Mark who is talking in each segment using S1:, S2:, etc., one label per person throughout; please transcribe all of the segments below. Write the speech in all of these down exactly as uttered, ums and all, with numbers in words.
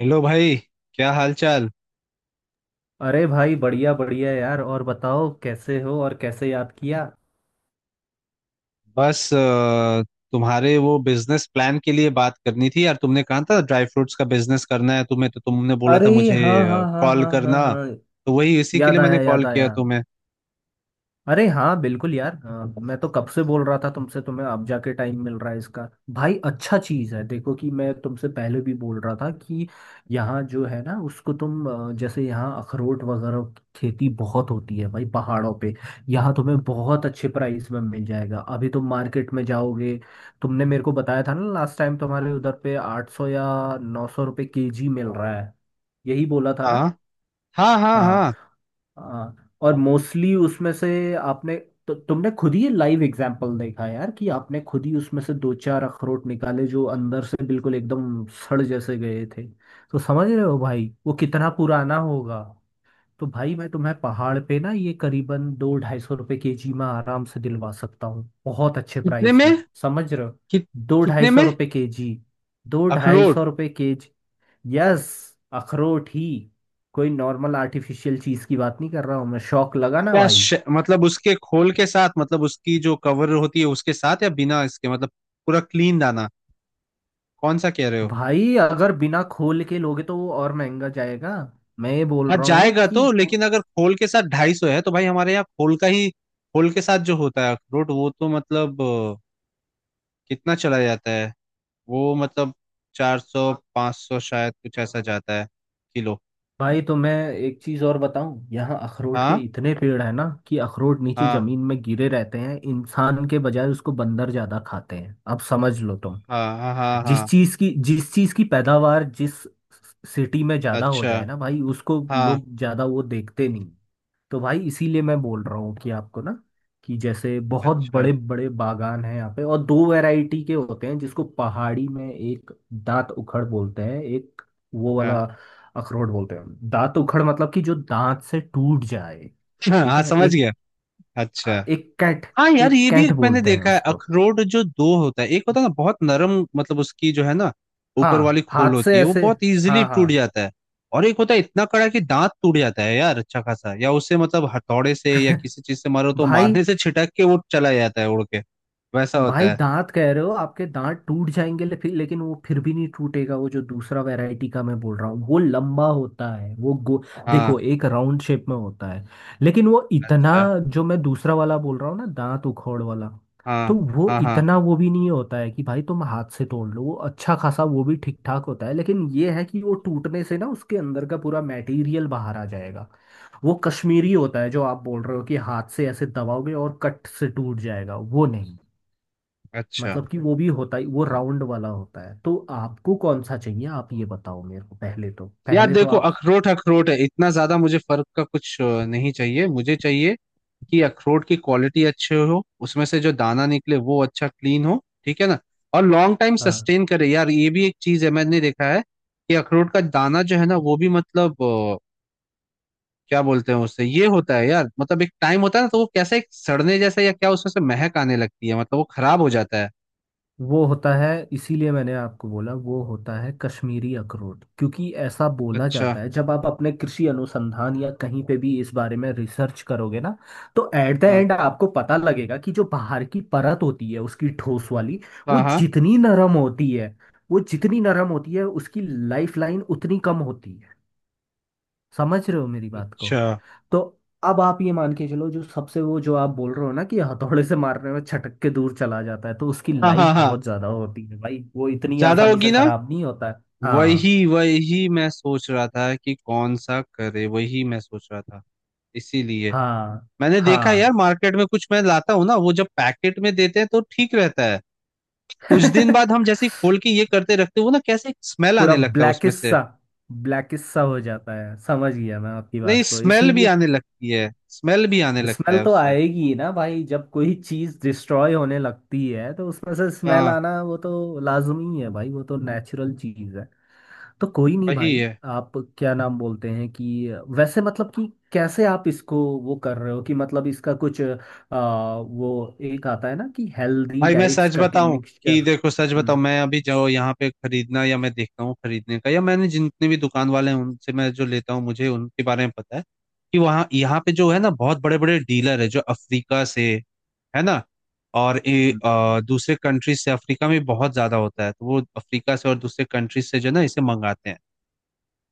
S1: Hello भाई। क्या हाल चाल।
S2: अरे भाई, बढ़िया बढ़िया यार। और बताओ कैसे हो और कैसे याद किया।
S1: बस अ, तुम्हारे वो बिजनेस प्लान के लिए बात करनी थी यार। तुमने कहा था ड्राई फ्रूट्स का बिजनेस करना है तुम्हें, तो तुमने बोला
S2: अरे
S1: था मुझे
S2: हाँ हाँ हाँ
S1: कॉल
S2: हाँ हाँ
S1: करना।
S2: हाँ,
S1: तो वही इसी के
S2: याद
S1: लिए मैंने
S2: आया
S1: कॉल
S2: याद
S1: किया
S2: आया।
S1: तुम्हें।
S2: अरे हाँ बिल्कुल यार। अ, मैं तो कब से बोल रहा था तुमसे, तुम्हें अब जाके टाइम मिल रहा है इसका। भाई अच्छा चीज़ है, देखो कि मैं तुमसे पहले भी बोल रहा था कि यहाँ जो है ना उसको तुम, अ, जैसे यहाँ अखरोट वगैरह की खेती बहुत होती है भाई, पहाड़ों पे। यहाँ तुम्हें बहुत अच्छे प्राइस में मिल जाएगा। अभी तुम मार्केट में जाओगे, तुमने मेरे को बताया था ना लास्ट टाइम तुम्हारे उधर पे आठ सौ या नौ सौ रुपये के जी मिल रहा है। यही बोला था
S1: हाँ,
S2: ना।
S1: हाँ, हाँ,
S2: हाँ
S1: हाँ।
S2: हाँ। और मोस्टली उसमें से आपने, तो तुमने खुद ही लाइव एग्जाम्पल देखा यार कि आपने खुद ही उसमें से दो चार अखरोट निकाले जो अंदर से बिल्कुल एकदम सड़ जैसे गए थे। तो समझ रहे हो भाई वो कितना पुराना होगा। तो भाई मैं तुम्हें पहाड़ पे ना ये करीबन दो ढाई सौ रुपये के जी में आराम से दिलवा सकता हूँ, बहुत अच्छे
S1: कितने
S2: प्राइस में।
S1: में?
S2: समझ रहे हो।
S1: कित
S2: दो ढाई
S1: कितने
S2: सौ
S1: में?
S2: रुपये के जी। दो ढाई
S1: अखरोट?
S2: सौ रुपये के जी। यस, अखरोट ही। कोई नॉर्मल आर्टिफिशियल चीज की बात नहीं कर रहा हूँ मैं, शौक लगा ना
S1: क्या
S2: भाई।
S1: श, मतलब उसके खोल के साथ, मतलब उसकी जो कवर होती है उसके साथ, या बिना इसके, मतलब पूरा क्लीन दाना? कौन सा कह रहे हो?
S2: भाई अगर बिना खोल के लोगे तो वो और महंगा जाएगा। मैं ये बोल
S1: हाँ,
S2: रहा हूँ
S1: जाएगा
S2: कि
S1: तो,
S2: पुर-
S1: लेकिन अगर खोल के साथ ढाई सौ है तो भाई हमारे यहाँ खोल का ही, खोल के साथ जो होता है अखरोट वो तो मतलब अ, कितना चला जाता है? वो मतलब चार सौ पाँच सौ शायद कुछ ऐसा जाता है, किलो।
S2: भाई तो मैं एक चीज और बताऊं, यहाँ अखरोट के
S1: हाँ,
S2: इतने पेड़ है ना कि अखरोट नीचे
S1: हाँ,
S2: जमीन में गिरे रहते हैं, इंसान के बजाय उसको बंदर ज्यादा खाते हैं, अब समझ लो तुम।
S1: हाँ, हाँ, हाँ,
S2: जिस
S1: हाँ।
S2: चीज की जिस चीज की पैदावार जिस सिटी में ज्यादा हो
S1: अच्छा।
S2: जाए ना भाई, उसको
S1: हाँ।
S2: लोग ज्यादा वो देखते नहीं। तो भाई इसीलिए मैं बोल रहा हूँ कि आपको ना, कि जैसे बहुत
S1: अच्छा।
S2: बड़े बड़े बागान हैं यहाँ पे, और दो वैरायटी के होते हैं, जिसको पहाड़ी में एक दांत उखड़ बोलते हैं, एक वो वाला
S1: हाँ।
S2: अखरोट बोलते हैं। दांत उखड़ मतलब कि जो दांत से टूट जाए। ठीक
S1: हाँ,
S2: है।
S1: समझ
S2: एक,
S1: गया। अच्छा।
S2: हाँ, एक कैट
S1: हाँ यार,
S2: एक
S1: ये भी
S2: कैट
S1: एक मैंने
S2: बोलते हैं
S1: देखा है,
S2: उसको।
S1: अखरोट जो दो होता है, एक होता है ना बहुत नरम, मतलब उसकी जो है ना ऊपर वाली
S2: हाँ
S1: खोल
S2: हाथ
S1: होती
S2: से
S1: है वो
S2: ऐसे।
S1: बहुत इजीली
S2: हाँ हाँ।
S1: टूट जाता है। और एक होता है इतना कड़ा कि दांत टूट जाता है यार, अच्छा खासा, या उससे मतलब हथौड़े से या किसी चीज से मारो तो
S2: भाई,
S1: मारने से छिटक के वो चला जाता है उड़ के। वैसा
S2: भाई
S1: होता है।
S2: दांत कह रहे हो, आपके दांत टूट जाएंगे ले, फिर, लेकिन वो फिर भी नहीं टूटेगा। वो जो दूसरा वैरायटी का मैं बोल रहा हूँ वो लंबा होता है, वो गो
S1: हाँ।
S2: देखो एक राउंड शेप में होता है, लेकिन वो इतना,
S1: अच्छा।
S2: जो मैं दूसरा वाला बोल रहा हूँ ना, दांत उखोड़ वाला,
S1: हाँ,
S2: तो वो
S1: हाँ, हाँ।
S2: इतना वो भी नहीं होता है कि भाई तुम हाथ से तोड़ लो। वो अच्छा खासा वो भी ठीक ठाक होता है, लेकिन ये है कि वो टूटने से ना उसके अंदर का पूरा मटेरियल बाहर आ जाएगा। वो कश्मीरी होता है जो आप बोल रहे हो कि हाथ से ऐसे दबाओगे और कट से टूट जाएगा, वो नहीं।
S1: अच्छा।
S2: मतलब कि वो भी होता है, वो राउंड वाला होता है। तो आपको कौन सा चाहिए, आप ये बताओ मेरे को पहले तो
S1: यार
S2: पहले तो
S1: देखो,
S2: आप।
S1: अखरोट अखरोट है, इतना ज्यादा मुझे फर्क का कुछ अ, नहीं चाहिए। मुझे चाहिए कि अखरोट की क्वालिटी अच्छे हो, उसमें से जो दाना निकले वो अच्छा क्लीन हो, ठीक है ना? और लॉन्ग टाइम
S2: हाँ
S1: सस्टेन करे, यार ये भी एक चीज है मैंने देखा है कि अखरोट का दाना जो है ना वो भी मतलब अ, क्या बोलते हैं उससे ये होता है यार, मतलब एक टाइम होता है ना तो वो कैसा एक सड़ने जैसा या क्या उसमें से महक आने लगती है, मतलब वो खराब हो जाता है।
S2: वो होता है, इसीलिए मैंने आपको बोला। वो होता है कश्मीरी अखरोट, क्योंकि ऐसा बोला
S1: अच्छा।
S2: जाता है जब आप अपने कृषि अनुसंधान या कहीं पे भी इस बारे में रिसर्च करोगे ना, तो एट द
S1: हम्म।
S2: एंड आपको पता लगेगा कि जो बाहर की परत होती है उसकी, ठोस वाली, वो
S1: हाँ, हाँ।
S2: जितनी नरम होती है वो जितनी नरम होती है उसकी लाइफ लाइन उतनी कम होती है। समझ रहे हो मेरी बात को।
S1: अच्छा।
S2: तो अब आप ये मान के चलो, जो सबसे वो जो आप बोल रहे हो ना कि हथौड़े से मारने में छटक के दूर चला जाता है, तो उसकी
S1: हाँ, हाँ,
S2: लाइफ
S1: हाँ।
S2: बहुत ज्यादा होती है भाई, वो इतनी
S1: ज्यादा
S2: आसानी
S1: होगी
S2: से
S1: ना।
S2: खराब नहीं होता है। हाँ
S1: वही, वही मैं सोच रहा था कि कौन सा करे, वही मैं सोच रहा था। इसीलिए
S2: हाँ
S1: मैंने देखा है
S2: हाँ।
S1: यार मार्केट में, कुछ मैं लाता हूँ ना, वो जब पैकेट में देते हैं तो ठीक रहता है। कुछ दिन बाद हम जैसे ही खोल के ये करते रखते हो ना, कैसे स्मेल
S2: पूरा
S1: आने लगता है उसमें
S2: ब्लैकिश
S1: से।
S2: सा ब्लैकिश सा हो जाता है, समझ गया मैं आपकी
S1: नहीं,
S2: बात को,
S1: स्मेल भी
S2: इसीलिए।
S1: आने लगती है, स्मेल भी आने लगता
S2: स्मेल
S1: है
S2: तो
S1: उससे।
S2: आएगी ही ना भाई, जब कोई चीज डिस्ट्रॉय होने लगती है तो उसमें से स्मेल
S1: हाँ,
S2: आना, वो तो लाजमी है भाई, वो तो नेचुरल चीज है। तो कोई नहीं
S1: वही
S2: भाई।
S1: है।
S2: आप क्या नाम बोलते हैं कि, वैसे मतलब कि कैसे आप इसको वो कर रहे हो कि, मतलब इसका कुछ आ, वो एक आता है ना कि हेल्दी
S1: भाई मैं
S2: डाइट्स
S1: सच
S2: करके
S1: बताऊं, कि
S2: मिक्सचर।
S1: देखो सच बताऊं,
S2: हम्म।
S1: मैं अभी जो यहाँ पे खरीदना, या मैं देखता हूँ खरीदने का, या मैंने जितने भी दुकान वाले हैं उनसे मैं जो लेता हूँ, मुझे उनके बारे में पता है कि वहाँ, यहाँ पे जो है ना बहुत बड़े बड़े डीलर है जो अफ्रीका से, है ना, और ए,
S2: हम्म।
S1: अ, दूसरे कंट्री से, अफ्रीका में बहुत ज्यादा होता है, तो वो अफ्रीका से और दूसरे कंट्री से जो है ना इसे मंगाते हैं।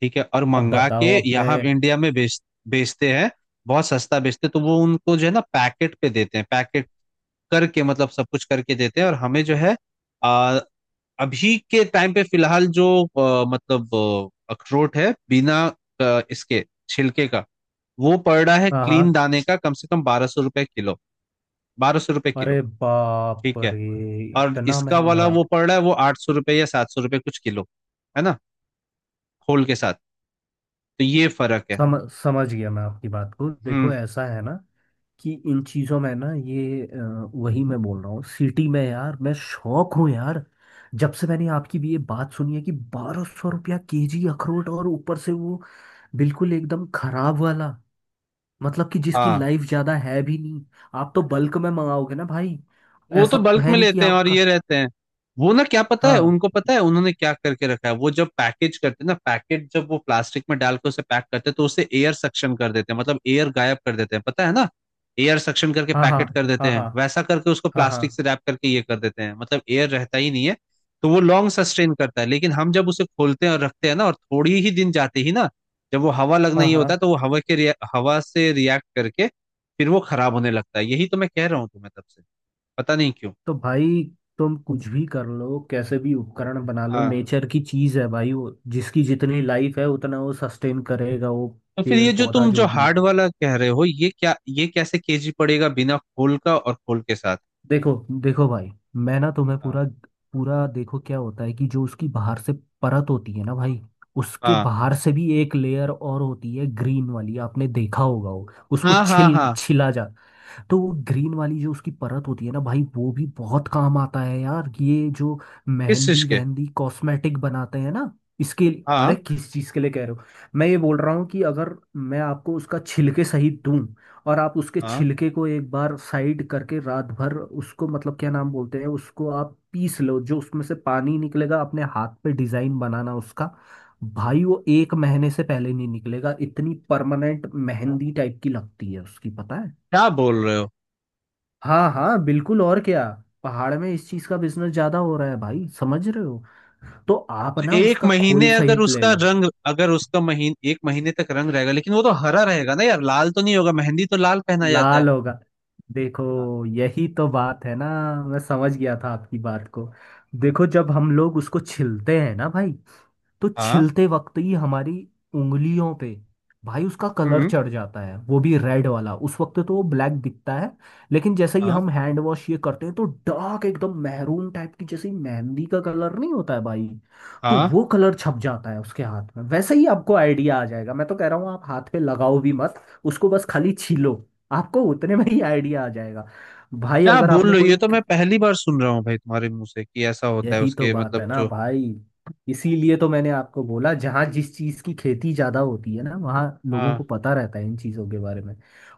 S1: ठीक है, और
S2: अब
S1: मंगा के
S2: बताओ अपने।
S1: यहाँ इंडिया में बेच बेचते हैं, बहुत सस्ता बेचते हैं। तो वो उनको जो है ना पैकेट पे देते हैं, पैकेट करके मतलब सब कुछ करके देते हैं, और हमें जो है आ, अभी के टाइम पे फिलहाल जो आ, मतलब आ, अखरोट है बिना आ, इसके छिलके का, वो पड़ रहा है
S2: हाँ
S1: क्लीन
S2: हाँ।
S1: दाने का कम से कम बारह सौ रुपये किलो, बारह सौ रुपये किलो।
S2: अरे बाप
S1: ठीक है।
S2: रे,
S1: और
S2: इतना
S1: इसका वाला
S2: महंगा।
S1: वो पड़ रहा है, वो आठ सौ रुपये या सात सौ रुपये कुछ, किलो, है ना, होल के साथ। तो ये फर्क है।
S2: सम समझ गया मैं आपकी बात को।
S1: हम्म।
S2: देखो ऐसा है ना कि इन चीज़ों में ना, ये अ, वही मैं बोल रहा हूँ, सिटी में यार मैं शौक हूँ यार। जब से मैंने आपकी भी ये बात सुनी है कि बारह सौ रुपया केजी अखरोट, और ऊपर से वो बिल्कुल एकदम खराब वाला, मतलब कि जिसकी
S1: हाँ,
S2: लाइफ ज़्यादा है भी नहीं। आप तो बल्क में मंगाओगे ना भाई,
S1: वो तो
S2: ऐसा तो
S1: बल्क
S2: है
S1: में
S2: नहीं कि
S1: लेते हैं, और
S2: आपका।
S1: ये रहते हैं। वो ना, क्या पता है,
S2: हाँ
S1: उनको पता है उन्होंने क्या करके रखा है। वो जब पैकेज करते हैं ना पैकेट, जब वो प्लास्टिक में डाल के उसे पैक करते हैं तो उसे एयर सक्शन कर देते हैं, मतलब एयर गायब कर देते हैं, पता है ना? एयर सक्शन करके
S2: हाँ। हाँ
S1: पैकेट कर देते
S2: हाँ।
S1: हैं,
S2: हाँ
S1: वैसा करके उसको
S2: हाँ।
S1: प्लास्टिक
S2: हाँ
S1: से रैप करके ये कर देते हैं, मतलब एयर रहता ही नहीं है। तो वो लॉन्ग सस्टेन करता है, लेकिन हम जब उसे खोलते हैं और रखते हैं ना, और थोड़ी ही दिन जाते ही ना, जब वो हवा लगना
S2: हाँ
S1: ये
S2: हाँ।
S1: होता है, तो वो हवा के रिया- हवा से रिएक्ट करके फिर वो खराब होने लगता है। यही तो मैं कह रहा हूँ तुम्हें तब से, पता नहीं क्यों।
S2: तो भाई तुम कुछ भी कर लो, कैसे भी उपकरण बना लो,
S1: हाँ,
S2: नेचर की चीज है भाई, वो जिसकी जितनी लाइफ है उतना वो सस्टेन करेगा। वो
S1: तो फिर
S2: पेड़
S1: ये जो
S2: पौधा
S1: तुम जो
S2: जो भी है,
S1: हार्ड वाला कह रहे हो ये क्या, ये कैसे केजी पड़ेगा, बिना खोल का और खोल के साथ?
S2: देखो, देखो भाई, मैं ना तुम्हें
S1: हाँ,
S2: पूरा पूरा देखो क्या होता है कि जो उसकी बाहर से परत होती है ना भाई, उसके
S1: हाँ,
S2: बाहर से भी एक लेयर और होती है, ग्रीन वाली, आपने देखा होगा वो, उसको
S1: हाँ, हाँ,
S2: छिल
S1: हाँ।
S2: छिला जा। तो वो ग्रीन वाली जो उसकी परत होती है ना भाई, वो भी बहुत काम आता है यार। ये जो
S1: किस चीज
S2: मेहंदी
S1: के?
S2: वहंदी कॉस्मेटिक बनाते हैं ना, इसके। अरे
S1: हाँ,
S2: किस चीज के लिए कह रहे हो, मैं ये बोल रहा हूँ कि अगर मैं आपको उसका छिलके सहित दूं, और आप उसके
S1: हाँ।
S2: छिलके को एक बार साइड करके रात भर उसको, मतलब क्या नाम बोलते हैं, उसको आप पीस लो, जो उसमें से पानी निकलेगा, अपने हाथ पे डिजाइन बनाना उसका। भाई वो एक महीने से पहले नहीं निकलेगा, इतनी परमानेंट मेहंदी टाइप की लगती है उसकी, पता है।
S1: क्या बोल रहे हो?
S2: हाँ हाँ बिल्कुल, और क्या। पहाड़ में इस चीज का बिजनेस ज्यादा हो रहा है भाई, समझ रहे हो। तो आप
S1: तो
S2: ना
S1: एक
S2: उसका
S1: महीने,
S2: खोल
S1: अगर
S2: सहित ले
S1: उसका
S2: लो।
S1: रंग, अगर उसका महीन एक महीने तक रंग रहेगा, लेकिन वो तो हरा रहेगा ना यार, लाल तो नहीं होगा, मेहंदी तो लाल पहना जाता है।
S2: लाल होगा, देखो
S1: हाँ,
S2: यही तो बात है ना, मैं समझ गया था आपकी बात को। देखो जब हम लोग उसको छिलते हैं ना भाई, तो
S1: हाँ।
S2: छिलते वक्त ही हमारी उंगलियों पे, भाई उसका कलर
S1: हम्म।
S2: चढ़ जाता है, वो भी रेड वाला, उस वक्त तो वो ब्लैक दिखता है, लेकिन जैसे ही
S1: हाँ,
S2: हम हैंड वॉश ये करते हैं तो डार्क एकदम मैरून टाइप की, जैसे मेहंदी का कलर नहीं होता है भाई, तो
S1: हाँ।
S2: वो कलर छप जाता है उसके हाथ में, वैसे ही आपको आइडिया आ जाएगा। मैं तो कह रहा हूँ आप हाथ पे लगाओ भी मत, उसको बस खाली छीलो, आपको उतने में ही आइडिया आ जाएगा। भाई
S1: क्या
S2: अगर
S1: बोल
S2: आपने
S1: रहे हो?
S2: कोई,
S1: ये तो मैं पहली बार सुन रहा हूँ भाई तुम्हारे मुंह से कि ऐसा होता है
S2: यही तो
S1: उसके,
S2: बात है
S1: मतलब
S2: ना
S1: जो।
S2: भाई, इसीलिए तो मैंने आपको बोला, जहाँ जिस चीज़ की खेती ज़्यादा होती है ना, वहाँ लोगों को
S1: हाँ।
S2: पता रहता है इन चीज़ों के बारे में।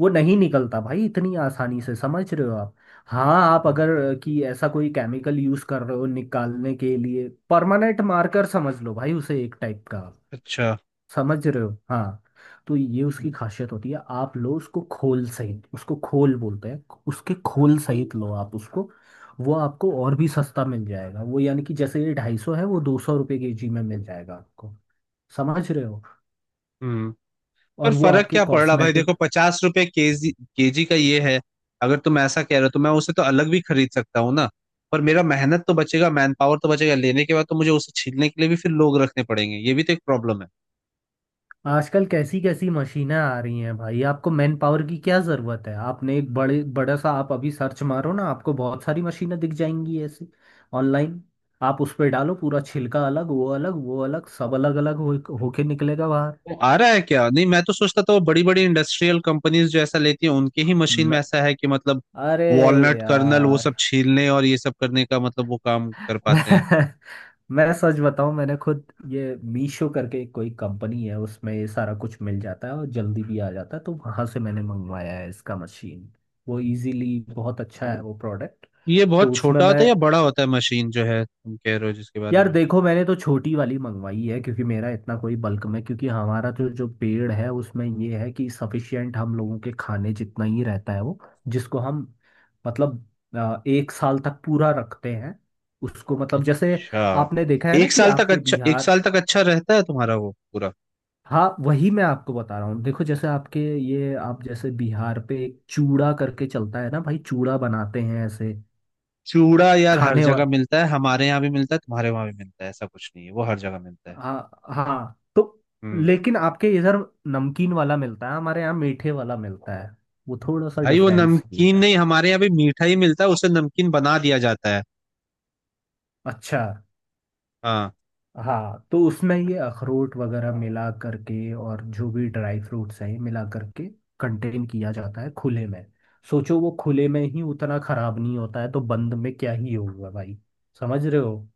S2: वो नहीं निकलता भाई इतनी आसानी से, समझ रहे हो आप। हाँ, आप
S1: हाँ,
S2: अगर अ, कि ऐसा कोई केमिकल यूज़ कर रहे हो निकालने के लिए, परमानेंट मार्कर समझ लो भाई उसे, एक टाइप का।
S1: अच्छा।
S2: समझ रहे हो। हाँ, तो ये उसकी खासियत होती है। आप लो उसको खोल सहित, उसको खोल बोलते हैं, उसके खोल सहित लो आप उसको, वो आपको और भी सस्ता मिल जाएगा वो। यानी कि जैसे ये ढाई सौ है, वो दो सौ रुपये के जी में मिल जाएगा आपको। समझ रहे हो।
S1: हम्म। पर
S2: और वो
S1: फर्क
S2: आपके
S1: क्या पड़ रहा भाई,
S2: कॉस्मेटिक।
S1: देखो, पचास रुपए केजी, केजी का ये है। अगर तुम ऐसा कह रहे हो तो मैं उसे तो अलग भी खरीद सकता हूँ ना। पर मेरा मेहनत तो बचेगा, मैन पावर तो बचेगा, लेने के बाद तो मुझे उसे छीलने के लिए भी फिर लोग रखने पड़ेंगे, ये भी तो एक प्रॉब्लम है।
S2: आजकल कैसी कैसी मशीनें आ रही हैं भाई, आपको मैन पावर की क्या ज़रूरत है। आपने एक बड़े, बड़ा सा, आप अभी सर्च मारो ना, आपको बहुत सारी मशीनें दिख जाएंगी ऐसी, ऑनलाइन। आप उस पर डालो, पूरा छिलका अलग, वो अलग, वो अलग, सब अलग अलग हो होके निकलेगा बाहर।
S1: तो आ रहा है क्या? नहीं, मैं तो सोचता था वो बड़ी बड़ी इंडस्ट्रियल कंपनीज जो ऐसा लेती हैं उनके ही मशीन में
S2: न,
S1: ऐसा है कि मतलब
S2: अरे
S1: वॉलनट कर्नल वो
S2: यार।
S1: सब छीलने और ये सब करने का, मतलब वो काम कर पाते हैं।
S2: मैं सच बताऊं, मैंने खुद ये मीशो करके कोई कंपनी है, उसमें ये सारा कुछ मिल जाता है और जल्दी भी आ जाता है, तो वहां से मैंने मंगवाया है इसका मशीन। वो इजीली बहुत अच्छा है वो प्रोडक्ट।
S1: ये
S2: तो
S1: बहुत
S2: उसमें
S1: छोटा होता
S2: मैं,
S1: है या बड़ा होता है मशीन जो है तुम कह रहे हो जिसके बारे
S2: यार
S1: में?
S2: देखो मैंने तो छोटी वाली मंगवाई है क्योंकि मेरा इतना कोई बल्क में, क्योंकि हमारा जो जो पेड़ है उसमें ये है कि सफिशियंट हम लोगों के खाने जितना ही रहता है वो, जिसको हम मतलब, अ, एक साल तक पूरा रखते हैं उसको, मतलब जैसे
S1: अच्छा,
S2: आपने देखा है ना
S1: एक
S2: कि
S1: साल तक,
S2: आपके
S1: अच्छा, एक
S2: बिहार।
S1: साल तक अच्छा रहता है तुम्हारा वो पूरा?
S2: हाँ वही मैं आपको बता रहा हूँ, देखो जैसे आपके ये, आप जैसे बिहार पे एक चूड़ा करके चलता है ना भाई, चूड़ा बनाते हैं ऐसे
S1: चूड़ा यार हर
S2: खाने वा।
S1: जगह मिलता है, हमारे यहाँ भी मिलता है, तुम्हारे वहां भी मिलता है, ऐसा कुछ नहीं है, वो हर जगह मिलता है।
S2: हाँ हाँ, तो
S1: हम्म।
S2: लेकिन आपके इधर नमकीन वाला मिलता है, हमारे यहाँ मीठे वाला मिलता है, वो थोड़ा सा
S1: भाई वो
S2: डिफरेंस ये
S1: नमकीन
S2: है।
S1: नहीं, हमारे यहाँ भी मीठा ही मिलता है, उसे नमकीन बना दिया जाता है।
S2: अच्छा।
S1: हाँ।
S2: हाँ तो उसमें ये अखरोट वगैरह मिला करके और जो भी ड्राई फ्रूट्स हैं मिला करके कंटेन किया जाता है खुले में। सोचो वो खुले में ही उतना खराब नहीं होता है तो बंद में क्या ही होगा भाई, समझ रहे हो।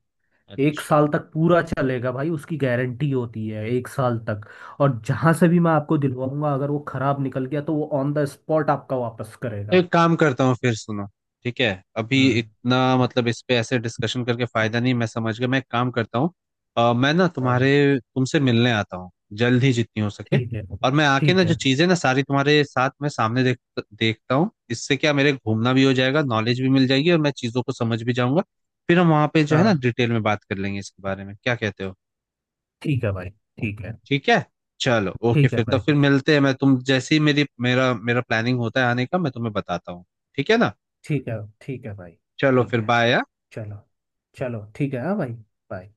S2: एक
S1: अच्छा,
S2: साल तक पूरा चलेगा भाई, उसकी गारंटी होती है एक साल तक। और जहां से भी मैं आपको दिलवाऊंगा, अगर वो खराब निकल गया तो वो ऑन द स्पॉट आपका वापस
S1: तो
S2: करेगा।
S1: एक काम करता हूँ, फिर सुनो। ठीक है, अभी
S2: हम्म।
S1: इतना मतलब इस पे ऐसे डिस्कशन करके फायदा नहीं, मैं समझ गया, मैं एक काम करता हूँ। अ, मैं ना तुम्हारे
S2: हाँ
S1: तुमसे मिलने आता हूँ जल्द ही जितनी हो सके।
S2: ठीक है।
S1: और मैं आके ना
S2: ठीक
S1: जो
S2: है
S1: चीजें ना सारी तुम्हारे साथ मैं सामने देख देखता हूँ, इससे क्या मेरे घूमना भी हो जाएगा, नॉलेज भी मिल जाएगी, और मैं चीजों को समझ भी जाऊंगा। फिर हम वहां पे जो है ना
S2: हाँ।
S1: डिटेल में बात कर लेंगे इसके बारे में, क्या कहते हो?
S2: ठीक है भाई ठीक है।
S1: ठीक है, चलो, ओके।
S2: ठीक है
S1: फिर तो
S2: भाई
S1: फिर मिलते हैं, मैं तुम जैसे ही मेरी मेरा मेरा प्लानिंग होता है आने का मैं तुम्हें बताता हूँ। ठीक है ना?
S2: ठीक है। ठीक है भाई
S1: चलो,
S2: ठीक
S1: फिर
S2: है।
S1: बाय।
S2: चलो, चलो ठीक है, हाँ भाई, बाय।